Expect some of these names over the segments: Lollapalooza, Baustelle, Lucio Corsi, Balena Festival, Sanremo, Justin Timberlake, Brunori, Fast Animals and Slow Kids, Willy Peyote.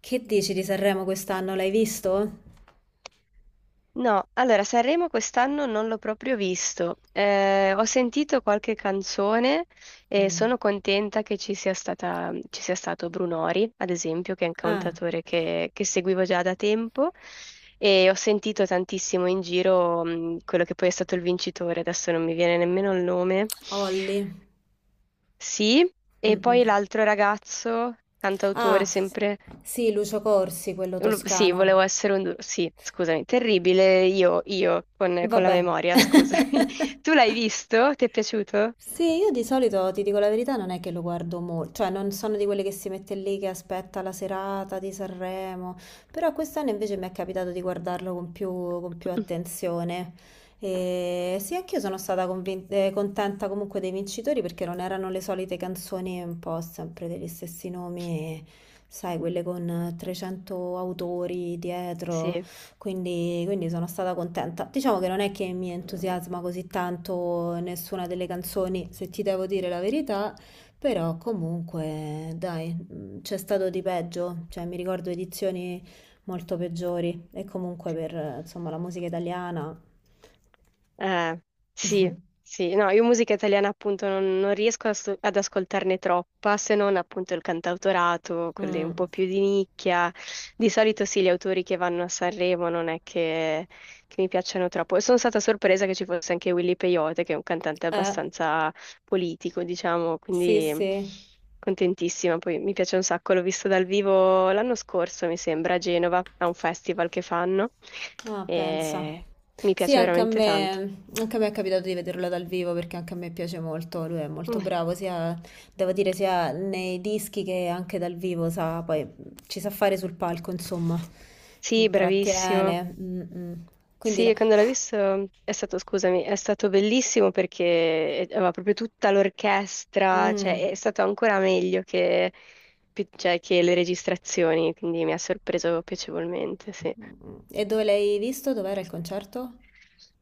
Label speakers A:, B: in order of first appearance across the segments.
A: Che dici di Sanremo quest'anno? L'hai visto?
B: No, allora Sanremo quest'anno non l'ho proprio visto. Ho sentito qualche canzone e
A: Mm.
B: sono contenta che ci sia stata, ci sia stato Brunori, ad esempio, che è un
A: Ah,
B: cantautore che seguivo già da tempo e ho sentito tantissimo in giro, quello che poi è stato il vincitore, adesso non mi viene nemmeno il nome.
A: Olli.
B: Sì, e
A: Mm-mm.
B: poi l'altro ragazzo,
A: Ah,
B: cantautore sempre.
A: sì, Lucio Corsi, quello
B: Sì,
A: toscano.
B: volevo essere un... duro- sì, scusami, terribile io con la
A: Vabbè.
B: memoria, scusami. Tu l'hai visto? Ti è piaciuto?
A: Sì, io di solito ti dico la verità, non è che lo guardo molto, cioè non sono di quelle che si mette lì che aspetta la serata di Sanremo, però quest'anno invece mi è capitato di guardarlo con più attenzione. E sì, anch'io sono stata contenta comunque dei vincitori perché non erano le solite canzoni un po' sempre degli stessi nomi, sai, quelle con 300 autori dietro.
B: Sì.
A: Quindi sono stata contenta. Diciamo che non è che mi entusiasma così tanto nessuna delle canzoni, se ti devo dire la verità, però comunque, dai, c'è stato di peggio, cioè mi ricordo edizioni molto peggiori e comunque per, insomma, la musica italiana.
B: Eh, sì, sì, no, io musica italiana appunto non riesco ad ascoltarne troppa, se non appunto il cantautorato, quelle
A: Mm,
B: un po' più di nicchia. Di solito sì, gli autori che vanno a Sanremo non è che mi piacciono troppo. E sono stata sorpresa che ci fosse anche Willy Peyote, che è un cantante
A: eh,
B: abbastanza politico, diciamo,
A: sì,
B: quindi
A: sì.
B: contentissima. Poi mi piace un sacco, l'ho visto dal vivo l'anno scorso, mi sembra, a Genova, a un festival che fanno.
A: Ah, pensa.
B: E... Mi
A: Sì,
B: piace
A: anche a
B: veramente tanto.
A: me, anche a me è capitato di vederlo dal vivo perché anche a me piace molto, lui è molto
B: Mm.
A: bravo, sia, devo dire, sia nei dischi che anche dal vivo, sa, poi ci sa fare sul palco, insomma,
B: Sì, bravissimo.
A: intrattiene. Mm, mm. Quindi no.
B: Sì, quando l'ho visto è stato, scusami, è stato bellissimo perché aveva proprio tutta l'orchestra, cioè è
A: Mm,
B: stato ancora meglio che, cioè, che le registrazioni, quindi mi ha sorpreso piacevolmente, sì.
A: mm. E dove l'hai visto? Dov'era il concerto?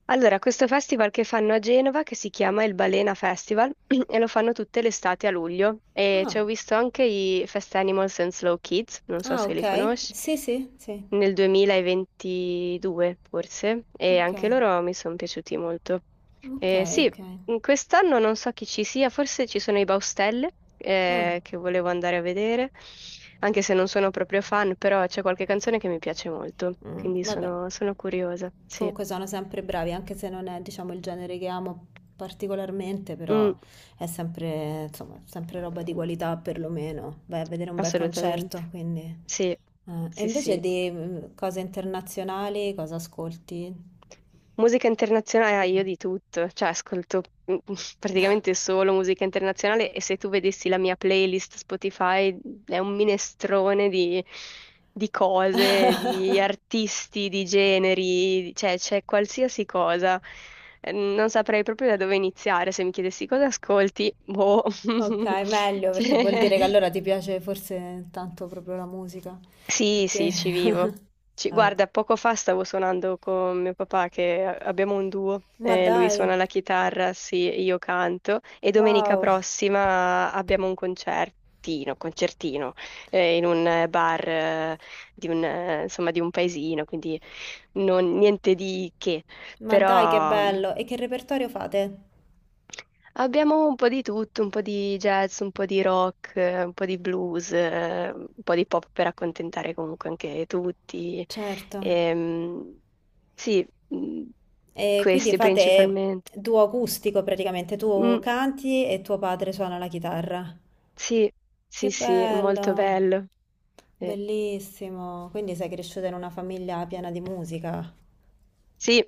B: Allora, questo festival che fanno a Genova, che si chiama il Balena Festival, e lo fanno tutte le estati a luglio. E ci
A: Ah,
B: ho visto anche i Fast Animals and Slow Kids, non so
A: ah,
B: se li
A: ok.
B: conosci,
A: Sì, sì, sì.
B: nel 2022 forse, e
A: Ok,
B: anche loro mi sono piaciuti molto.
A: ok,
B: Sì,
A: ok.
B: in quest'anno non so chi ci sia, forse ci sono i Baustelle,
A: Ah,
B: che volevo andare a vedere, anche se non sono proprio fan, però c'è qualche canzone che mi piace molto,
A: mm,
B: quindi
A: vabbè.
B: sono curiosa, sì.
A: Comunque sono sempre bravi, anche se non è, diciamo, il genere che amo particolarmente,
B: Mm,
A: però è sempre, insomma, sempre roba di qualità perlomeno. Vai a vedere un bel concerto,
B: assolutamente.
A: quindi
B: Sì,
A: eh. E
B: sì,
A: invece
B: sì.
A: di cose internazionali, cosa ascolti?
B: Musica internazionale, ah, io
A: Mm.
B: di tutto, cioè ascolto mm, praticamente solo musica internazionale, e se tu vedessi la mia playlist Spotify è un minestrone di cose, di artisti, di generi, cioè c'è qualsiasi cosa. Non saprei proprio da dove iniziare se mi chiedessi cosa ascolti, boh,
A: Ok, meglio, perché vuol
B: cioè,
A: dire che allora ti piace forse tanto proprio la musica, più
B: sì,
A: che
B: sì, ci vivo.
A: eh.
B: Guarda, poco fa stavo suonando con mio papà che abbiamo un duo,
A: Ma
B: lui
A: dai,
B: suona la chitarra, sì, io canto e domenica
A: wow,
B: prossima abbiamo un concertino, concertino, in un bar, di un, insomma, di un paesino, quindi niente di che,
A: ma dai che
B: però
A: bello! E che repertorio fate?
B: abbiamo un po' di tutto, un po' di jazz, un po' di rock, un po' di blues, un po' di pop per accontentare comunque anche tutti.
A: Certo.
B: Ehm, sì, mm,
A: E quindi
B: questi
A: fate
B: principalmente.
A: duo acustico praticamente, tu
B: Mm,
A: canti e tuo padre suona la chitarra.
B: sì,
A: Che
B: sì, sì, è molto
A: bello,
B: bello. Eh,
A: bellissimo. Quindi sei cresciuta in una famiglia piena di musica.
B: sì,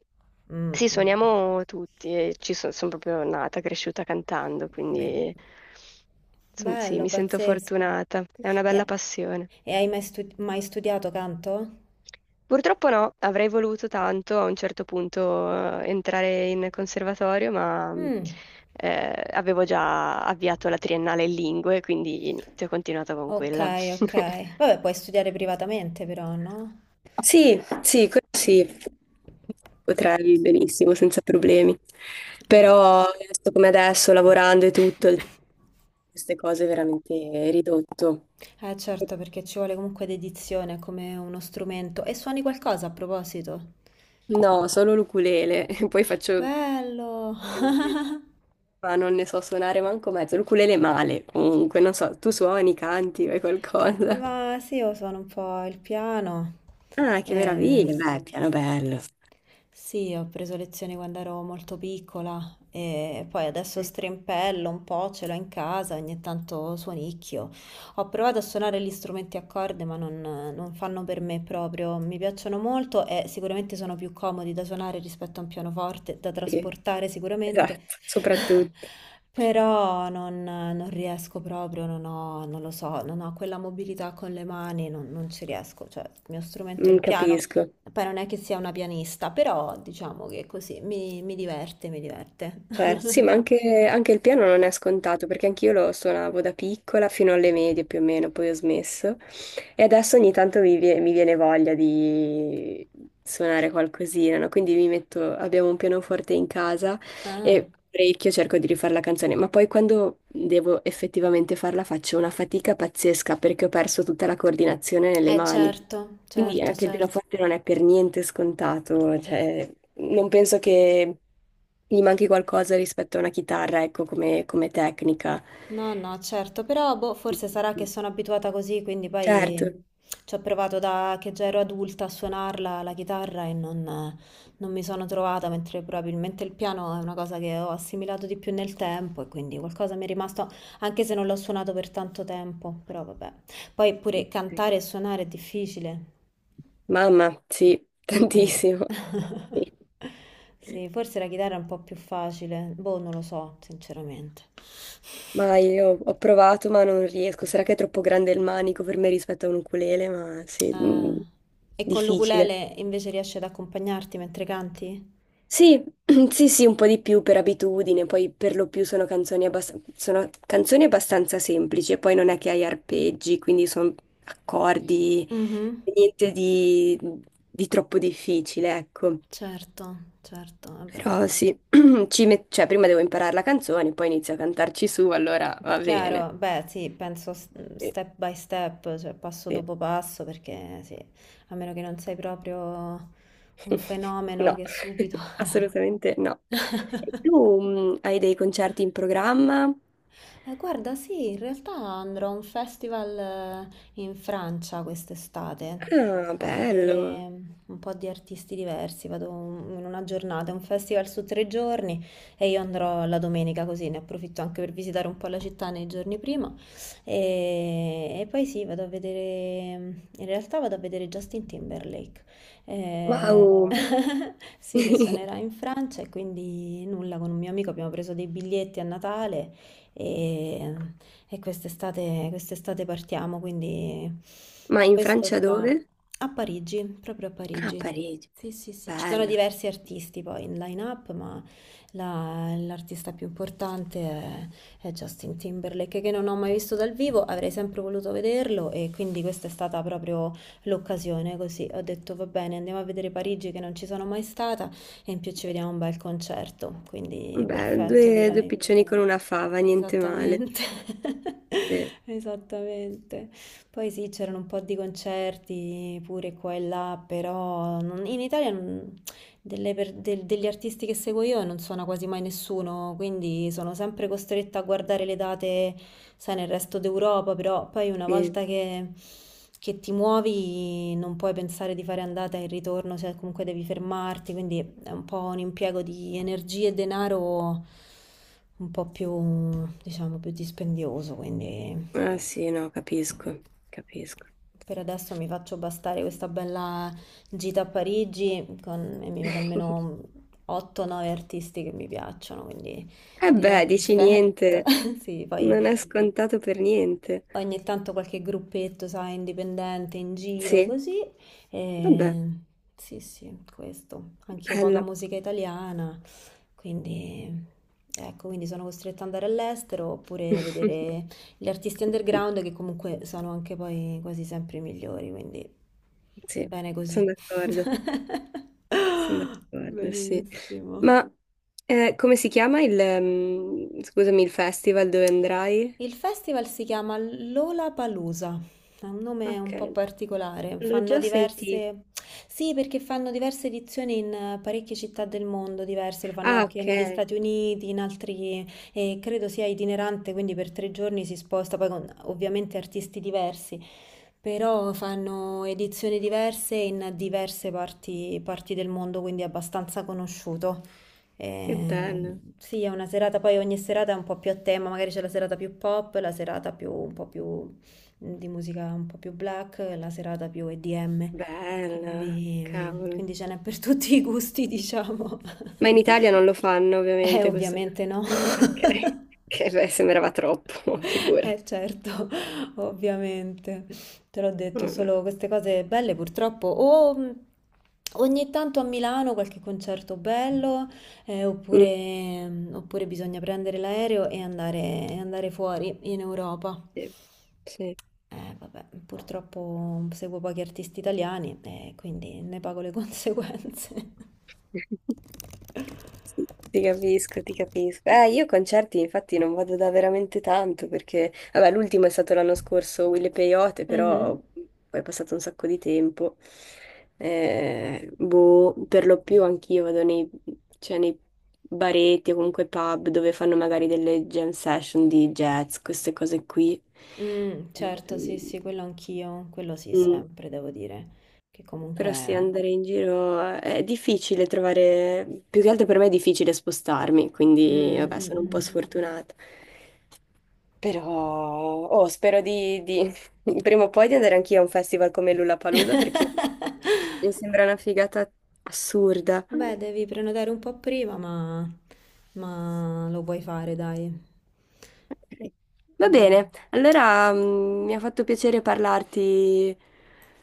A: Mm,
B: sì,
A: mm.
B: suoniamo tutti, sono proprio nata, cresciuta cantando,
A: Bel-
B: quindi sì,
A: Bello,
B: mi sento
A: pazzesco.
B: fortunata, è una
A: E,
B: bella passione.
A: e hai mai studiato canto?
B: Purtroppo no, avrei voluto tanto a un certo punto entrare in conservatorio, ma
A: Mm,
B: avevo già avviato la triennale in lingue, quindi niente, ho continuato con
A: ok,
B: quella.
A: ok. Vabbè, puoi studiare privatamente però, no?
B: Sì, sì, così potrei benissimo, senza problemi.
A: Eh,
B: Però, adesso come adesso, lavorando e tutto, il tempo per queste cose è veramente ridotto.
A: eh certo, perché ci vuole comunque dedizione come uno strumento. E suoni qualcosa a proposito?
B: No, solo l'ukulele, poi faccio
A: Bello!
B: ma non ne so suonare manco mezzo, l'ukulele male, comunque, non so, tu suoni, canti, fai qualcosa.
A: Ma sì, io suono un po' il piano.
B: Ah, che
A: Eh,
B: meraviglia, beh, piano bello.
A: Sì, ho preso lezioni quando ero molto piccola e poi adesso
B: Eh,
A: strimpello un po', ce l'ho in casa, ogni tanto suonicchio. Ho provato a suonare gli strumenti a corde, ma non fanno per me proprio. Mi piacciono molto e sicuramente sono più comodi da suonare rispetto a un pianoforte, da
B: Sì,
A: trasportare sicuramente,
B: esatto, soprattutto.
A: però non, non riesco proprio, non ho, non lo so, non ho quella mobilità con le mani, non ci riesco. Cioè, il mio strumento è il
B: Mm,
A: piano.
B: capisco.
A: Poi non è che sia una pianista, però diciamo che così mi diverte, mi diverte.
B: Certo, sì, ma anche il piano non è scontato, perché anch'io lo suonavo da piccola fino alle medie più o meno, poi ho smesso. E adesso ogni tanto mi viene voglia di suonare qualcosina, no? Quindi mi metto, abbiamo un pianoforte in casa
A: Ah,
B: e parecchio cerco di rifare la canzone, ma poi quando devo effettivamente farla faccio una fatica pazzesca perché ho perso tutta la coordinazione nelle
A: eh
B: mani.
A: certo,
B: Quindi
A: certo,
B: anche il
A: certo.
B: pianoforte non è per niente scontato, cioè non penso che gli manchi qualcosa rispetto a una chitarra, ecco, come tecnica.
A: No, no, certo, però boh, forse sarà che sono abituata così, quindi
B: Certo,
A: poi ci ho provato da che già ero adulta a suonarla la chitarra e non mi sono trovata, mentre probabilmente il piano è una cosa che ho assimilato di più nel tempo e quindi qualcosa mi è rimasto, anche se non l'ho suonato per tanto tempo, però vabbè. Poi pure
B: ok.
A: cantare e suonare è difficile.
B: Mamma, sì,
A: Ah.
B: tantissimo. Sì.
A: Sì, forse la chitarra è un po' più facile, boh, non lo so, sinceramente.
B: Ma io ho provato, ma non riesco. Sarà che è troppo grande il manico per me rispetto a un ukulele, ma sì,
A: Ah. E con
B: difficile.
A: l'ukulele invece riesci ad accompagnarti mentre canti?
B: Sì, sì, sì, un po' di più per abitudine, poi per lo più sono canzoni, sono canzoni abbastanza semplici, e poi non è che hai arpeggi, quindi sono accordi,
A: Mhm.
B: niente di troppo difficile, ecco.
A: Certo, certo, vabbè.
B: Però sì, cioè, prima devo imparare la canzone, poi inizio a cantarci su, allora va bene.
A: Chiaro, beh, sì,
B: Sì,
A: step by step, cioè passo
B: sì.
A: dopo passo, perché sì, a meno che non sei proprio un fenomeno
B: No,
A: che subito
B: assolutamente no. E tu hai dei concerti in programma?
A: eh, guarda, sì, in realtà andrò a un festival in Francia quest'estate
B: Ah,
A: a
B: bello.
A: vedere un po' di artisti diversi. Vado in una giornata, è un festival su 3 giorni e io andrò la domenica così ne approfitto anche per visitare un po' la città nei giorni prima. E poi sì, vado a vedere, mm, in realtà vado a vedere Justin Timberlake. Eh,
B: Wow!
A: sì, che suonerà in Francia e quindi nulla, con un mio amico abbiamo preso dei biglietti a Natale e, e quest'estate partiamo, quindi
B: Ma in
A: questo
B: Francia
A: già
B: dove?
A: a Parigi, proprio a
B: Ah,
A: Parigi.
B: Parigi.
A: Sì, sì, sì, ci sono
B: Bello.
A: diversi artisti poi in line-up, ma l'artista più importante è Justin Timberlake, che non ho mai visto dal vivo, avrei sempre voluto vederlo e quindi questa è stata proprio l'occasione, così ho detto va bene, andiamo a vedere Parigi che non ci sono mai stata e in più ci vediamo un bel concerto, quindi
B: Beh,
A: perfetto
B: due
A: direi.
B: piccioni con una fava, niente male.
A: Esattamente,
B: Sì,
A: esattamente. Poi sì, c'erano un po' di concerti pure qua e là, però in Italia degli artisti che seguo io non suona quasi mai nessuno, quindi sono sempre costretta a guardare le date, sai, nel resto d'Europa, però poi una
B: sì.
A: volta che ti muovi non puoi pensare di fare andata e ritorno, cioè comunque devi fermarti, quindi è un po' un impiego di energie e denaro un po' più, diciamo, più dispendioso, quindi
B: Ah sì, no, capisco, capisco.
A: per adesso mi faccio bastare questa bella gita a Parigi e mi vedo almeno 8-9 artisti che mi piacciono, quindi
B: Eh
A: direi
B: beh, dici
A: perfetto.
B: niente.
A: Sì, poi
B: Non è scontato per niente.
A: ogni tanto qualche gruppetto, sai, indipendente in giro,
B: Sì,
A: così.
B: vabbè,
A: E sì, sì, questo. Anch'io poca
B: bello.
A: musica italiana, quindi ecco, quindi sono costretta ad andare all'estero oppure vedere gli artisti underground che comunque sono anche poi quasi sempre i migliori, quindi
B: Sì,
A: bene
B: sono
A: così.
B: d'accordo. Sono d'accordo, sì.
A: Benissimo.
B: Ma come si chiama scusami, il festival dove andrai?
A: Il festival si chiama Lollapalooza, è un nome un
B: Ok,
A: po' particolare,
B: l'ho
A: fanno
B: già sentito.
A: diverse. Sì, perché fanno diverse edizioni in parecchie città del mondo diverse, lo fanno
B: Ah,
A: anche
B: ok,
A: negli Stati Uniti, in altri. E credo sia itinerante, quindi per 3 giorni si sposta, poi con ovviamente artisti diversi, però fanno edizioni diverse in diverse parti del mondo, quindi è abbastanza conosciuto.
B: che bello.
A: Sì, è una serata, poi ogni serata è un po' più a tema, magari c'è la serata più pop, la serata più, un po' più di musica un po' più black, la serata più EDM,
B: Bello,
A: quindi, mh,
B: cavolo.
A: quindi ce n'è per tutti i gusti, diciamo.
B: Ma in Italia non lo fanno, ovviamente, questo.
A: Ovviamente no.
B: Ok, che beh, sembrava troppo, figurati.
A: Certo, ovviamente. Te l'ho detto,
B: Vabbè.
A: solo queste cose belle purtroppo. O ogni tanto a Milano qualche concerto bello,
B: Mm,
A: oppure, oppure bisogna prendere l'aereo e andare, fuori in Europa.
B: sì, sì.
A: Vabbè, purtroppo seguo pochi artisti italiani e quindi ne pago le conseguenze.
B: Sì, ti capisco, ti capisco. Io concerti infatti non vado da veramente tanto perché, vabbè, l'ultimo è stato l'anno scorso, Wille Peyote, però
A: Mhm.
B: poi è passato un sacco di tempo. Boh, per lo più anch'io vado nei, cioè, nei baretti o comunque pub dove fanno magari delle jam session di jazz, queste cose qui.
A: Certo, sì,
B: Ehm,
A: sì, quello anch'io, quello sì,
B: mm.
A: sempre devo dire, che
B: Però sì,
A: comunque
B: andare in giro è difficile trovare, più che altro per me è difficile spostarmi, quindi
A: mh,
B: vabbè, sono un po'
A: mh,
B: sfortunata. Però oh, spero di, prima o poi di andare anch'io a un festival come Lollapalooza perché
A: mh.
B: mi sembra una figata assurda.
A: Beh, devi prenotare un po' prima, ma lo puoi fare, dai.
B: Ok. Va
A: Io.
B: bene, allora mi ha fatto piacere parlarti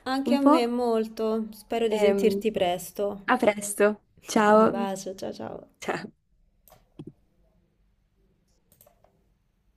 A: Anche
B: un
A: a
B: po'
A: me molto, spero di
B: e
A: sentirti presto.
B: a presto.
A: Un
B: Ciao.
A: bacio, ciao ciao.
B: Ciao.